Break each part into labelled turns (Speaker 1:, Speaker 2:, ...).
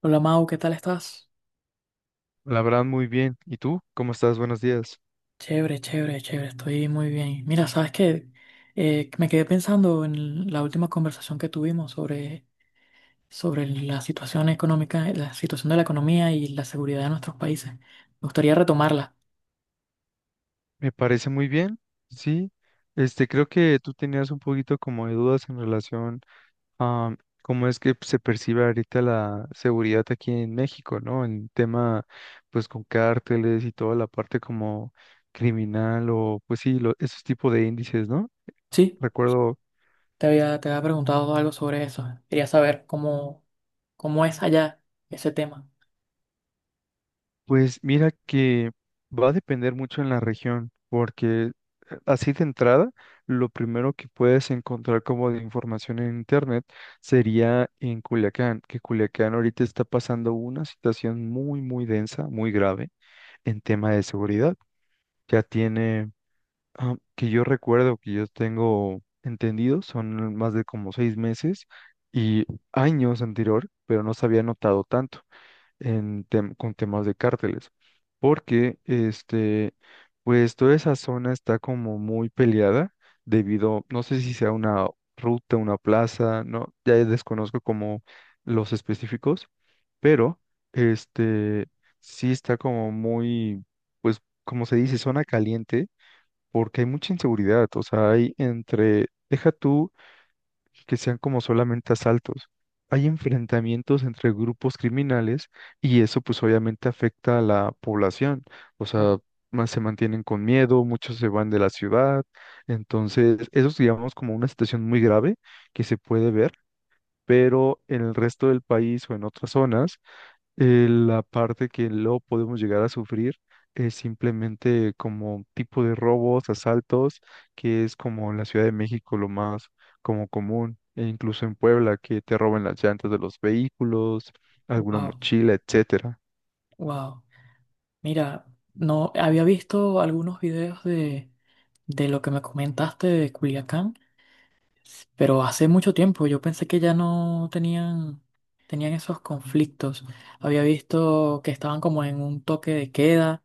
Speaker 1: Hola Mau, ¿qué tal estás?
Speaker 2: La verdad, muy bien. ¿Y tú? ¿Cómo estás? Buenos días.
Speaker 1: Chévere, chévere, chévere, estoy muy bien. Mira, ¿sabes qué? Me quedé pensando en la última conversación que tuvimos sobre la situación económica, la situación de la economía y la seguridad de nuestros países. Me gustaría retomarla.
Speaker 2: Me parece muy bien. Sí. Creo que tú tenías un poquito como de dudas en relación a cómo es que se percibe ahorita la seguridad aquí en México, ¿no? En tema, pues, con cárteles y toda la parte como criminal o, pues sí, esos tipos de índices, ¿no?
Speaker 1: Sí,
Speaker 2: Recuerdo.
Speaker 1: te había preguntado algo sobre eso. Quería saber cómo es allá ese tema.
Speaker 2: Pues mira que va a depender mucho en la región, porque así de entrada, lo primero que puedes encontrar como de información en internet sería en Culiacán, que Culiacán ahorita está pasando una situación muy, muy densa, muy grave en tema de seguridad. Ya tiene, que yo recuerdo, que yo tengo entendido, son más de como 6 meses y años anterior, pero no se había notado tanto con temas de cárteles, porque pues toda esa zona está como muy peleada debido, no sé si sea una ruta, una plaza, no, ya desconozco como los específicos, pero este sí está como muy, pues como se dice, zona caliente, porque hay mucha inseguridad, o sea, hay entre, deja tú que sean como solamente asaltos. Hay enfrentamientos entre grupos criminales y eso pues obviamente afecta a la población. O sea, más se mantienen con miedo, muchos se van de la ciudad. Entonces, eso es digamos como una situación muy grave que se puede ver, pero en el resto del país o en otras zonas la parte que lo podemos llegar a sufrir es simplemente como tipo de robos, asaltos, que es como en la Ciudad de México lo más como común, e incluso en Puebla, que te roban las llantas de los vehículos, alguna
Speaker 1: Wow,
Speaker 2: mochila, etcétera.
Speaker 1: wow. Mira, no había visto algunos videos de lo que me comentaste de Culiacán. Pero hace mucho tiempo yo pensé que ya no tenían esos conflictos. Había visto que estaban como en un toque de queda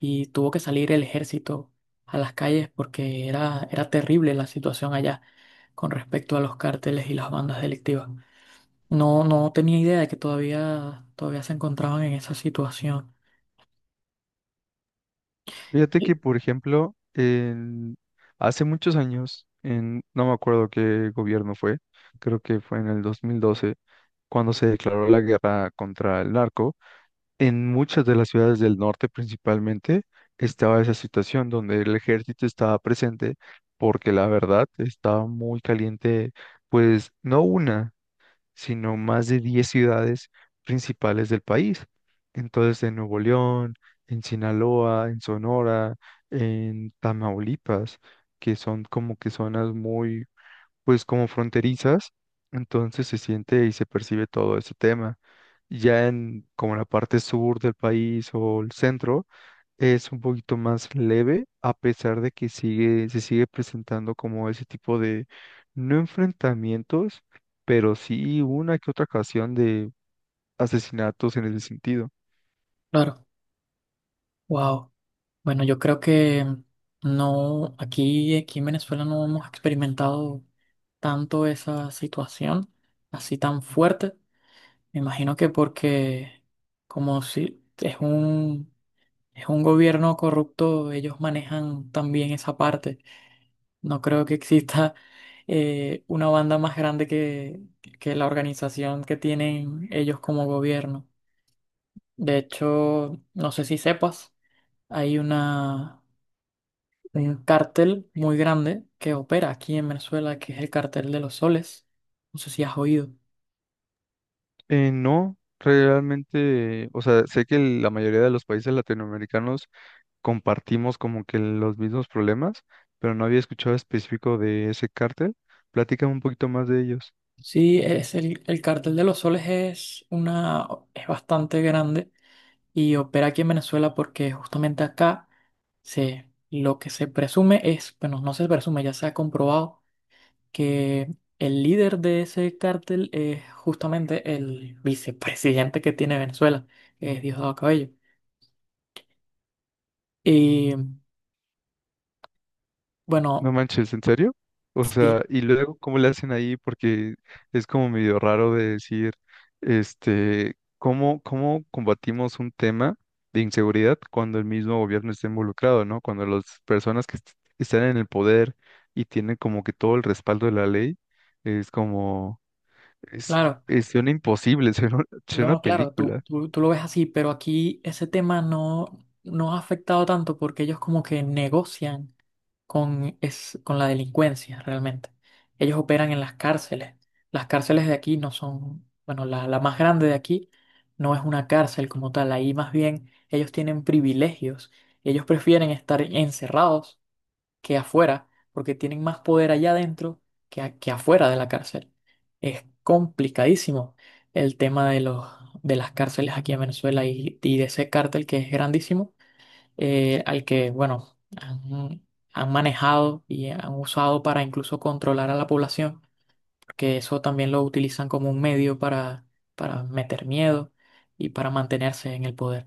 Speaker 1: y tuvo que salir el ejército a las calles porque era terrible la situación allá con respecto a los cárteles y las bandas delictivas. No, no tenía idea de que todavía se encontraban en esa situación.
Speaker 2: Fíjate
Speaker 1: Y-
Speaker 2: que, por ejemplo, hace muchos años, no me acuerdo qué gobierno fue, creo que fue en el 2012, cuando se declaró la guerra contra el narco. En muchas de las ciudades del norte principalmente estaba esa situación donde el ejército estaba presente porque la verdad estaba muy caliente, pues no una, sino más de 10 ciudades principales del país. Entonces en Nuevo León, en Sinaloa, en Sonora, en Tamaulipas, que son como que zonas muy pues como fronterizas, entonces se siente y se percibe todo ese tema. Ya en como la parte sur del país o el centro es un poquito más leve, a pesar de que sigue, se sigue presentando como ese tipo de, no enfrentamientos, pero sí una que otra ocasión de asesinatos en ese sentido.
Speaker 1: Claro, wow. Bueno, yo creo que no, aquí en Venezuela no hemos experimentado tanto esa situación así tan fuerte. Me imagino que porque como si es un gobierno corrupto, ellos manejan también esa parte. No creo que exista una banda más grande que la organización que tienen ellos como gobierno. De hecho, no sé si sepas, hay una. Hay un cártel muy grande que opera aquí en Venezuela, que es el cártel de los soles. No sé si has oído.
Speaker 2: No, realmente, o sea, sé que la mayoría de los países latinoamericanos compartimos como que los mismos problemas, pero no había escuchado específico de ese cártel. Platícame un poquito más de ellos.
Speaker 1: Sí, es el cártel de los soles es bastante grande y opera aquí en Venezuela porque justamente acá lo que se presume es, bueno, no se presume, ya se ha comprobado que el líder de ese cártel es justamente el vicepresidente que tiene Venezuela, que es Diosdado Cabello. Y bueno,
Speaker 2: No manches, ¿en serio? O
Speaker 1: sí,
Speaker 2: sea, y luego, ¿cómo le hacen ahí? Porque es como medio raro de decir, ¿cómo combatimos un tema de inseguridad cuando el mismo gobierno está involucrado, ¿no? Cuando las personas que están en el poder y tienen como que todo el respaldo de la ley, es como, es,
Speaker 1: claro.
Speaker 2: es- suena imposible. Suena a
Speaker 1: No, claro, tú,
Speaker 2: película.
Speaker 1: tú, tú lo ves así, pero aquí ese tema no ha afectado tanto porque ellos como que negocian con la delincuencia realmente. Ellos operan en las cárceles. Las cárceles de aquí no son, bueno, la más grande de aquí no es una cárcel como tal. Ahí más bien ellos tienen privilegios. Ellos prefieren estar encerrados que afuera, porque tienen más poder allá adentro que afuera de la cárcel. Es complicadísimo el tema de de las cárceles aquí en Venezuela y de ese cártel que es grandísimo, al que, bueno, han manejado y han usado para incluso controlar a la población, porque eso también lo utilizan como un medio para meter miedo y para mantenerse en el poder.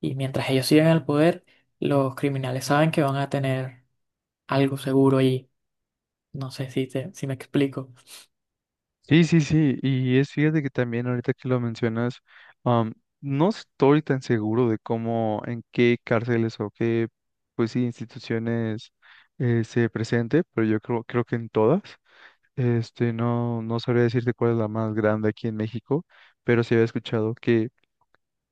Speaker 1: Y mientras ellos sigan el poder, los criminales saben que van a tener algo seguro allí. No sé si me explico.
Speaker 2: Sí, sí, sí, y es fíjate que también ahorita que lo mencionas, am, no estoy tan seguro de cómo, en qué cárceles o qué, pues sí, instituciones se presente, pero yo creo que en todas. No, no sabría decirte cuál es la más grande aquí en México, pero sí había escuchado que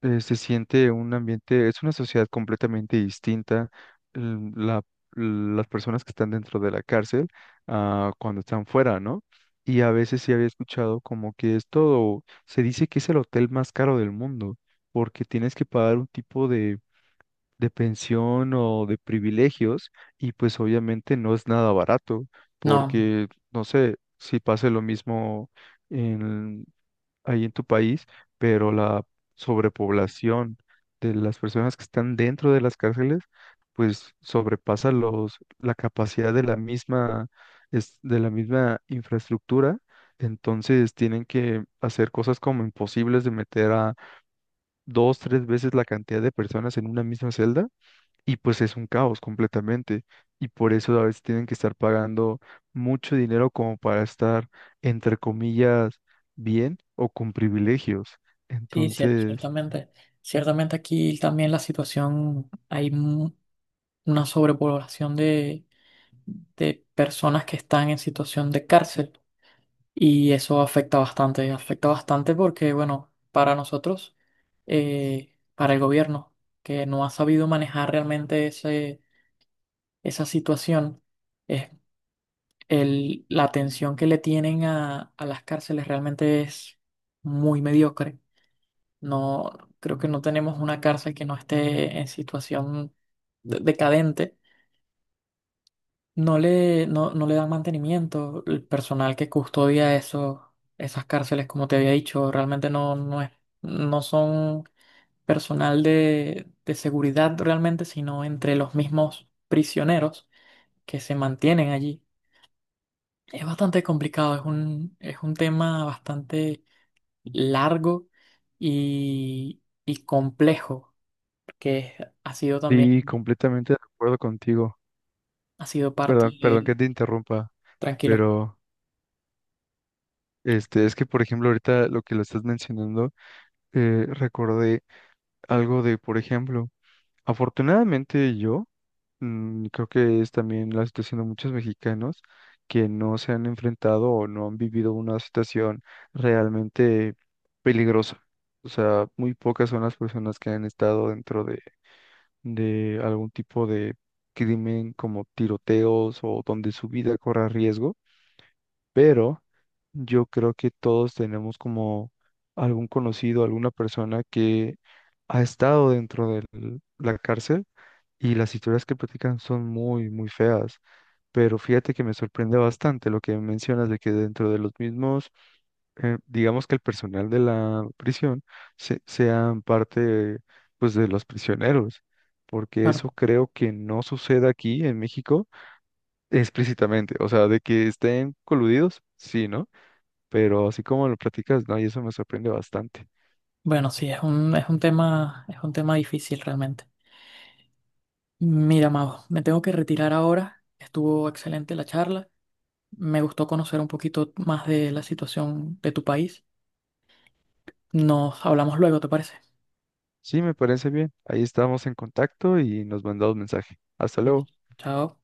Speaker 2: se siente un ambiente, es una sociedad completamente distinta. l- La, las personas que están dentro de la cárcel a cuando están fuera, ¿no? Y a veces sí había escuchado como que es todo, se dice que es el hotel más caro del mundo, porque tienes que pagar un tipo de pensión o de privilegios, y pues obviamente no es nada barato,
Speaker 1: No,
Speaker 2: porque no sé si pase lo mismo ahí en tu país, pero la sobrepoblación de las personas que están dentro de las cárceles, pues sobrepasa la capacidad de la misma, de la misma infraestructura. Entonces tienen que hacer cosas como imposibles de meter a dos, tres veces la cantidad de personas en una misma celda y pues es un caos completamente. Y por eso a veces tienen que estar pagando mucho dinero como para estar, entre comillas, bien o con privilegios.
Speaker 1: sí,
Speaker 2: Entonces,
Speaker 1: ciertamente. Ciertamente aquí también la situación, una sobrepoblación de personas que están en situación de cárcel y eso afecta bastante. Afecta bastante porque, bueno, para nosotros, para el gobierno, que no ha sabido manejar realmente esa situación, es la atención que le tienen a las cárceles realmente es muy mediocre. No, creo que no tenemos una cárcel que no esté en situación decadente. No le dan mantenimiento. El personal que custodia esas cárceles, como te había dicho, realmente no es, no son personal de seguridad realmente, sino entre los mismos prisioneros que se mantienen allí. Es bastante complicado, es es un tema bastante largo y complejo. Ha sido
Speaker 2: sí,
Speaker 1: también,
Speaker 2: completamente de acuerdo contigo.
Speaker 1: ha sido parte
Speaker 2: Perdón, perdón
Speaker 1: de...
Speaker 2: que te interrumpa,
Speaker 1: Tranquilo.
Speaker 2: pero es que, por ejemplo, ahorita lo que lo estás mencionando, recordé algo de, por ejemplo, afortunadamente yo. Creo que es también la situación de muchos mexicanos que no se han enfrentado o no han vivido una situación realmente peligrosa. O sea, muy pocas son las personas que han estado dentro de algún tipo de crimen como tiroteos o donde su vida corra riesgo, pero yo creo que todos tenemos como algún conocido, alguna persona que ha estado dentro de la cárcel y las historias que platican son muy, muy feas. Pero fíjate que me sorprende bastante lo que mencionas de que dentro de los mismos, digamos que el personal de la prisión sean parte, pues, de los prisioneros, porque
Speaker 1: Claro.
Speaker 2: eso creo que no sucede aquí en México explícitamente. O sea, de que estén coludidos, sí, ¿no? Pero así como lo platicas, no, y eso me sorprende bastante.
Speaker 1: Bueno, sí, es es un tema difícil realmente. Mira, Mago, me tengo que retirar ahora. Estuvo excelente la charla. Me gustó conocer un poquito más de la situación de tu país. Nos hablamos luego, ¿te parece?
Speaker 2: Sí, me parece bien. Ahí estamos en contacto y nos mandamos mensaje. Hasta luego.
Speaker 1: Chao.